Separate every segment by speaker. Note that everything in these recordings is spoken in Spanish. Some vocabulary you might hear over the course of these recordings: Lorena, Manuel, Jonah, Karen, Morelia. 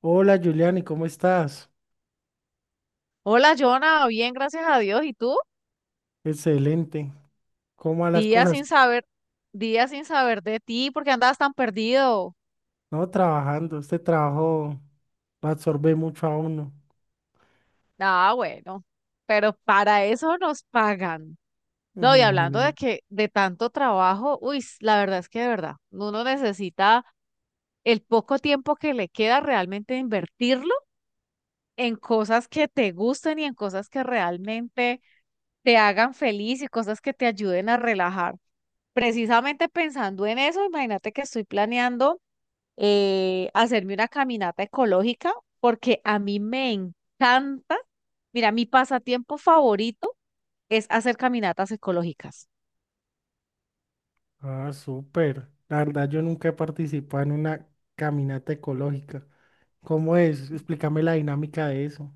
Speaker 1: Hola Juliani, ¿cómo estás?
Speaker 2: Hola, Jonah, bien, gracias a Dios. ¿Y tú?
Speaker 1: Excelente. ¿Cómo van las
Speaker 2: Días sin
Speaker 1: cosas?
Speaker 2: saber, días sin saber de ti, porque andabas tan perdido.
Speaker 1: No, trabajando. Este trabajo lo absorbe mucho a uno.
Speaker 2: Ah, bueno, pero para eso nos pagan. No, y hablando de
Speaker 1: Imagínese.
Speaker 2: que de tanto trabajo, uy, la verdad es que de verdad, uno necesita el poco tiempo que le queda realmente invertirlo en cosas que te gusten y en cosas que realmente te hagan feliz y cosas que te ayuden a relajar. Precisamente pensando en eso, imagínate que estoy planeando. Hacerme una caminata ecológica, porque a mí me encanta, mira, mi pasatiempo favorito es hacer caminatas ecológicas.
Speaker 1: Ah, súper. La verdad, yo nunca he participado en una caminata ecológica. ¿Cómo es? Explícame la dinámica de eso.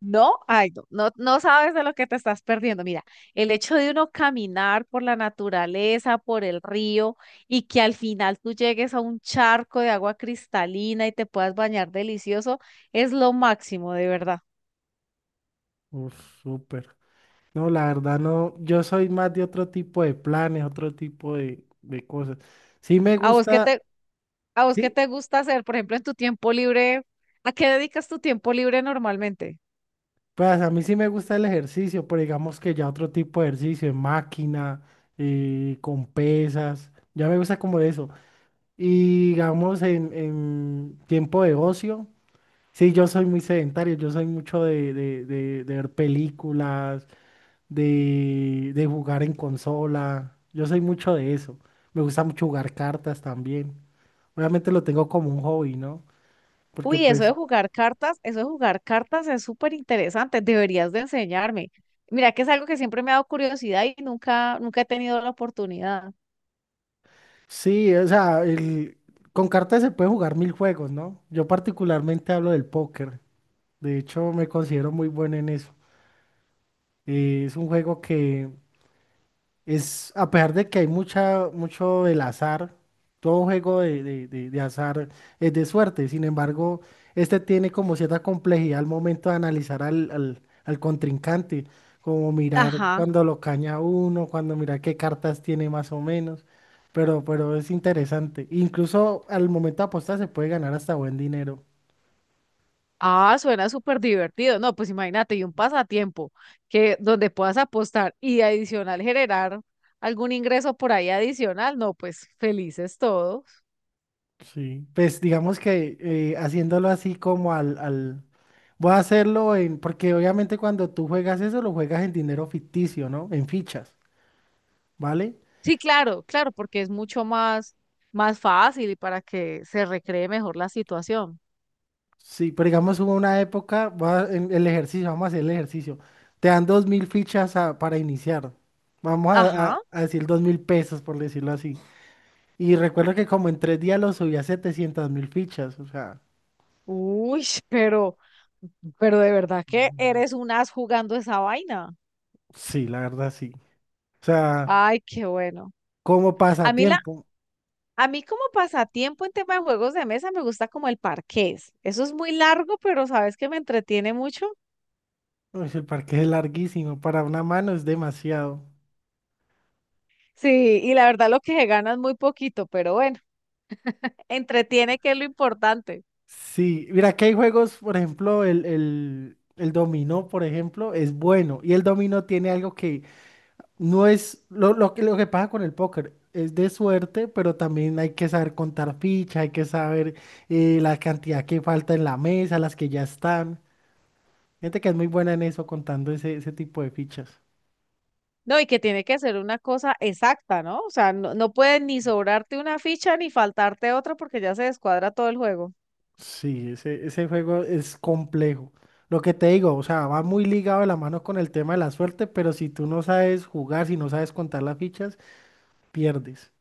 Speaker 2: No, ay, no, no, no sabes de lo que te estás perdiendo. Mira, el hecho de uno caminar por la naturaleza, por el río, y que al final tú llegues a un charco de agua cristalina y te puedas bañar delicioso, es lo máximo, de verdad.
Speaker 1: Uf, súper. No, la verdad no. Yo soy más de otro tipo de planes, otro tipo de cosas. Sí me
Speaker 2: ¿A vos qué
Speaker 1: gusta.
Speaker 2: te, ¿A vos qué
Speaker 1: Sí,
Speaker 2: te gusta hacer, por ejemplo, en tu tiempo libre? ¿A qué dedicas tu tiempo libre normalmente?
Speaker 1: pues a mí sí me gusta el ejercicio, pero digamos que ya otro tipo de ejercicio, en máquina, con pesas, ya me gusta como de eso. Y digamos en tiempo de ocio, sí, yo soy muy sedentario, yo soy mucho de ver películas, de jugar en consola, yo soy mucho de eso. Me gusta mucho jugar cartas también. Obviamente lo tengo como un hobby, ¿no? Porque
Speaker 2: Uy, eso
Speaker 1: pues.
Speaker 2: de jugar cartas, eso de jugar cartas es súper interesante, deberías de enseñarme. Mira que es algo que siempre me ha dado curiosidad y nunca, nunca he tenido la oportunidad.
Speaker 1: Sí, o sea, con cartas se puede jugar mil juegos, ¿no? Yo particularmente hablo del póker. De hecho, me considero muy bueno en eso. Es un juego que es, a pesar de que hay mucho del azar, todo juego de azar es de suerte, sin embargo, este tiene como cierta complejidad al momento de analizar al contrincante, como mirar
Speaker 2: Ajá.
Speaker 1: cuando lo caña uno, cuando mirar qué cartas tiene más o menos, pero es interesante. Incluso al momento de apostar se puede ganar hasta buen dinero.
Speaker 2: Ah, suena súper divertido. No, pues imagínate, y un pasatiempo que donde puedas apostar y adicional generar algún ingreso por ahí adicional. No, pues felices todos.
Speaker 1: Sí. Pues digamos que haciéndolo así como al, al, voy a hacerlo en, porque obviamente cuando tú juegas eso, lo juegas en dinero ficticio, ¿no? En fichas, ¿vale?
Speaker 2: Sí, claro, claro, porque es mucho más, más fácil y para que se recree mejor la situación.
Speaker 1: Sí, pero digamos hubo una época, va en el ejercicio, vamos a hacer el ejercicio. Te dan 2.000 fichas para iniciar. Vamos a,
Speaker 2: Ajá.
Speaker 1: a- a decir 2.000 pesos, por decirlo así. Y recuerdo que como en 3 días lo subí a 700 mil fichas, o sea,
Speaker 2: Uy, pero de verdad que eres un as jugando esa vaina.
Speaker 1: sí, la verdad sí. O sea,
Speaker 2: Ay, qué bueno.
Speaker 1: como
Speaker 2: A mí la,
Speaker 1: pasatiempo,
Speaker 2: a mí como pasatiempo en tema de juegos de mesa me gusta como el parqués. Eso es muy largo, pero sabes que me entretiene mucho.
Speaker 1: uy, el parque es larguísimo, para una mano es demasiado.
Speaker 2: Sí, y la verdad lo que se gana es muy poquito, pero bueno, entretiene que es lo importante.
Speaker 1: Sí, mira que hay juegos, por ejemplo, el dominó, por ejemplo, es bueno. Y el dominó tiene algo que no es lo que pasa con el póker. Es de suerte, pero también hay que saber contar fichas, hay que saber la cantidad que falta en la mesa, las que ya están. Gente que es muy buena en eso, contando ese tipo de fichas.
Speaker 2: No, y que tiene que ser una cosa exacta, ¿no? O sea, no, no puede ni sobrarte una ficha ni faltarte otra porque ya se descuadra todo el juego.
Speaker 1: Sí, ese juego es complejo. Lo que te digo, o sea, va muy ligado de la mano con el tema de la suerte, pero si tú no sabes jugar, si no sabes contar las fichas, pierdes.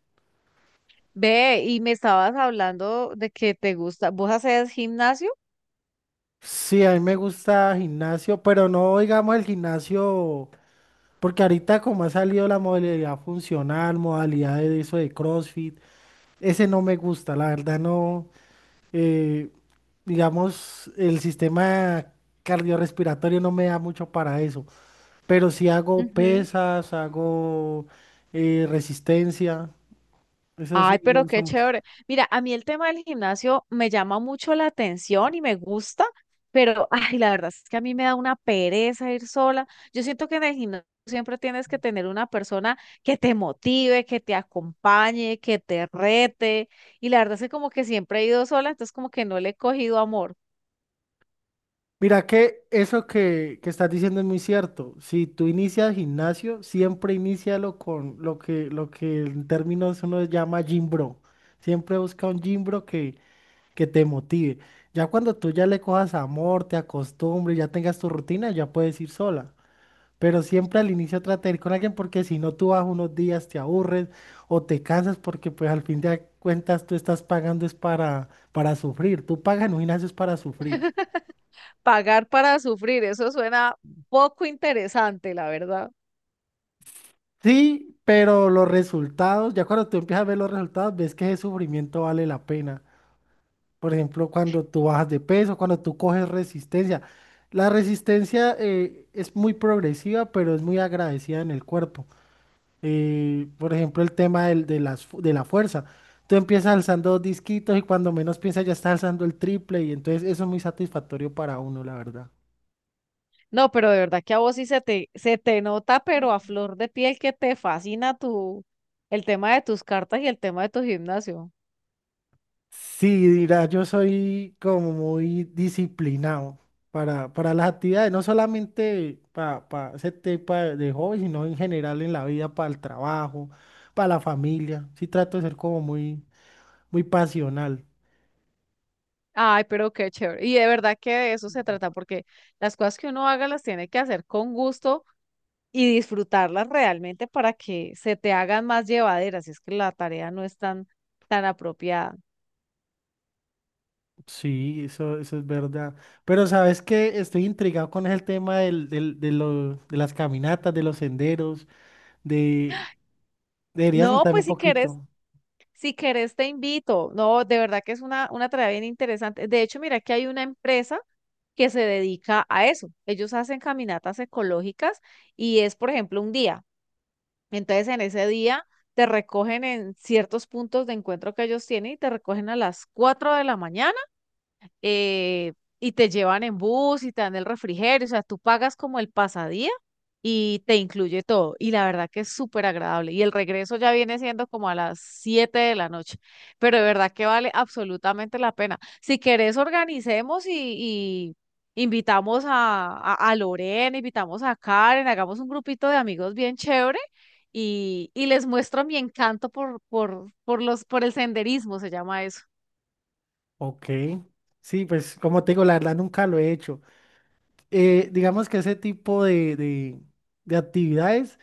Speaker 2: Ve, y me estabas hablando de que te gusta, ¿vos haces gimnasio?
Speaker 1: Sí, a mí me gusta gimnasio, pero no digamos el gimnasio, porque ahorita como ha salido la modalidad funcional, modalidad de eso de CrossFit, ese no me gusta, la verdad no, eh, digamos, el sistema cardiorrespiratorio no me da mucho para eso, pero sí hago
Speaker 2: Ujú,
Speaker 1: pesas, hago resistencia, eso
Speaker 2: ay,
Speaker 1: sí, me
Speaker 2: pero
Speaker 1: gusta.
Speaker 2: qué chévere. Mira, a mí el tema del gimnasio me llama mucho la atención y me gusta, pero ay, la verdad es que a mí me da una pereza ir sola. Yo siento que en el gimnasio siempre tienes que tener una persona que te motive, que te acompañe, que te rete. Y la verdad es que como que siempre he ido sola, entonces como que no le he cogido amor.
Speaker 1: Mira que eso que estás diciendo es muy cierto. Si tú inicias gimnasio, siempre inícialo con lo que en términos uno llama gym bro. Siempre busca un gym bro que te motive. Ya cuando tú ya le cojas amor, te acostumbres, ya tengas tu rutina, ya puedes ir sola. Pero siempre al inicio trata de ir con alguien porque si no tú vas unos días, te aburres o te cansas porque pues al fin de cuentas tú estás pagando es para sufrir. Tú pagas en un gimnasio es para sufrir.
Speaker 2: Pagar para sufrir, eso suena poco interesante, la verdad.
Speaker 1: Sí, pero los resultados, ya cuando tú empiezas a ver los resultados, ves que ese sufrimiento vale la pena. Por ejemplo, cuando tú bajas de peso, cuando tú coges resistencia. La resistencia es muy progresiva, pero es muy agradecida en el cuerpo. Por ejemplo, el tema de la fuerza. Tú empiezas alzando dos disquitos y cuando menos piensas ya estás alzando el triple y entonces eso es muy satisfactorio para uno, la verdad.
Speaker 2: No, pero de verdad que a vos sí se te nota, pero a flor de piel que te fascina tu, el tema de tus cartas y el tema de tu gimnasio.
Speaker 1: Sí, dirá, yo soy como muy disciplinado para las actividades, no solamente para ese tipo de hobby, sino en general en la vida, para el trabajo, para la familia. Sí trato de ser como muy, muy pasional.
Speaker 2: Ay, pero qué chévere. Y de verdad que de eso se trata, porque las cosas que uno haga las tiene que hacer con gusto y disfrutarlas realmente para que se te hagan más llevaderas. Es que la tarea no es tan, tan apropiada.
Speaker 1: Sí, eso es verdad. Pero sabes que estoy intrigado con el tema de las caminatas, de los senderos. de... Deberías
Speaker 2: No,
Speaker 1: contarme
Speaker 2: pues
Speaker 1: un
Speaker 2: si quieres,
Speaker 1: poquito.
Speaker 2: si querés, te invito. No, de verdad que es una tarea bien interesante. De hecho, mira que hay una empresa que se dedica a eso. Ellos hacen caminatas ecológicas y es, por ejemplo, un día. Entonces, en ese día te recogen en ciertos puntos de encuentro que ellos tienen y te recogen a las 4 de la mañana eh, y te llevan en bus y te dan el refrigerio, o sea, tú pagas como el pasadía y te incluye todo. Y la verdad que es súper agradable. Y el regreso ya viene siendo como a las 7 de la noche, pero de verdad que vale absolutamente la pena. Si querés, organicemos y invitamos a Lorena, invitamos a Karen, hagamos un grupito de amigos bien chévere y les muestro mi encanto por el senderismo, se llama eso.
Speaker 1: Ok. Sí, pues como te digo, la verdad nunca lo he hecho. Digamos que ese tipo de actividades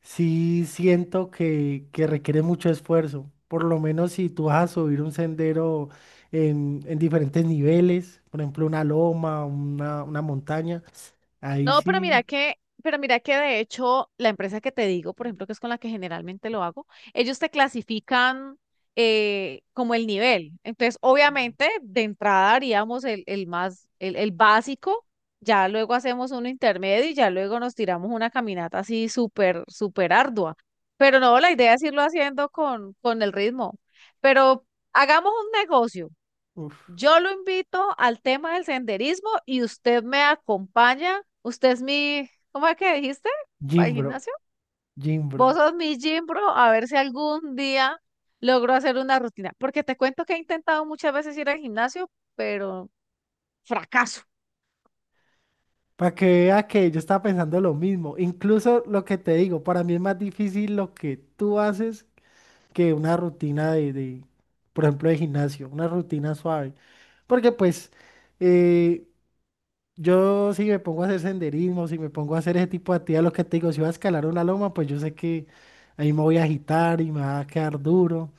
Speaker 1: sí siento que requiere mucho esfuerzo. Por lo menos si tú vas a subir un sendero en diferentes niveles, por ejemplo, una loma, una montaña, ahí
Speaker 2: No,
Speaker 1: sí,
Speaker 2: pero mira que de hecho la empresa que te digo, por ejemplo, que es con la que generalmente lo hago, ellos te clasifican como el nivel. Entonces, obviamente, de entrada haríamos el básico, ya luego hacemos un intermedio y ya luego nos tiramos una caminata así súper, súper ardua. Pero no, la idea es irlo haciendo con el ritmo. Pero hagamos un negocio.
Speaker 1: uff,
Speaker 2: Yo lo invito al tema del senderismo y usted me acompaña. Usted es mi, ¿cómo es que dijiste? ¿Para el
Speaker 1: Jimbro,
Speaker 2: gimnasio? Vos
Speaker 1: Jimbro.
Speaker 2: sos mi gym bro, a ver si algún día logro hacer una rutina. Porque te cuento que he intentado muchas veces ir al gimnasio, pero fracaso.
Speaker 1: Para que vea que yo estaba pensando lo mismo. Incluso lo que te digo, para mí es más difícil lo que tú haces que una rutina de, por ejemplo, de gimnasio, una rutina suave. Porque pues eh, yo si me pongo a hacer senderismo, si me pongo a hacer ese tipo de actividades, lo que te digo, si voy a escalar una loma, pues yo sé que ahí me voy a agitar y me va a quedar duro.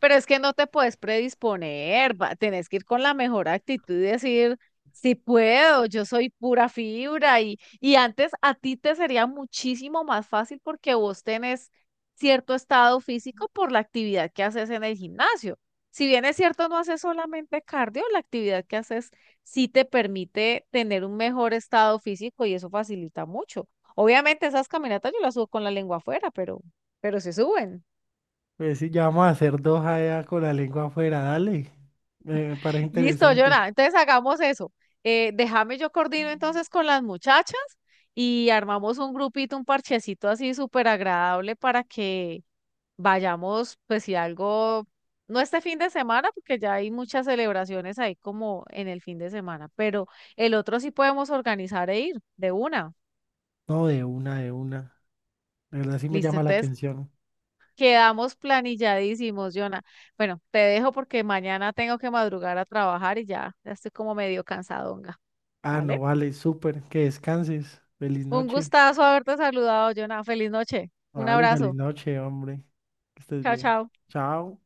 Speaker 2: Pero es que no te puedes predisponer, tenés que ir con la mejor actitud y decir, si puedo, yo soy pura fibra y antes a ti te sería muchísimo más fácil porque vos tenés cierto estado físico por la actividad que haces en el gimnasio. Si bien es cierto, no haces solamente cardio, la actividad que haces sí te permite tener un mejor estado físico y eso facilita mucho. Obviamente esas caminatas yo las subo con la lengua afuera, pero se suben.
Speaker 1: Pues sí, ya vamos a hacer dos allá con la lengua afuera, dale. Me parece
Speaker 2: Listo,
Speaker 1: interesante.
Speaker 2: Jonah. Entonces hagamos eso. Déjame yo coordino entonces con las muchachas y armamos un grupito, un parchecito así súper agradable para que vayamos, pues si algo, no este fin de semana, porque ya hay muchas celebraciones ahí como en el fin de semana, pero el otro sí podemos organizar e ir de una.
Speaker 1: No, de una, de una. De verdad sí me
Speaker 2: Listo,
Speaker 1: llama la
Speaker 2: entonces
Speaker 1: atención.
Speaker 2: quedamos planilladísimos, Jonah. Bueno, te dejo porque mañana tengo que madrugar a trabajar y ya, ya estoy como medio cansadonga,
Speaker 1: Ah,
Speaker 2: ¿vale?
Speaker 1: no, vale, súper. Que descanses. Feliz
Speaker 2: Un
Speaker 1: noche.
Speaker 2: gustazo haberte saludado, Jonah. Feliz noche. Un
Speaker 1: Vale, feliz
Speaker 2: abrazo.
Speaker 1: noche, hombre. Que estés
Speaker 2: Chao,
Speaker 1: bien.
Speaker 2: chao.
Speaker 1: Chao.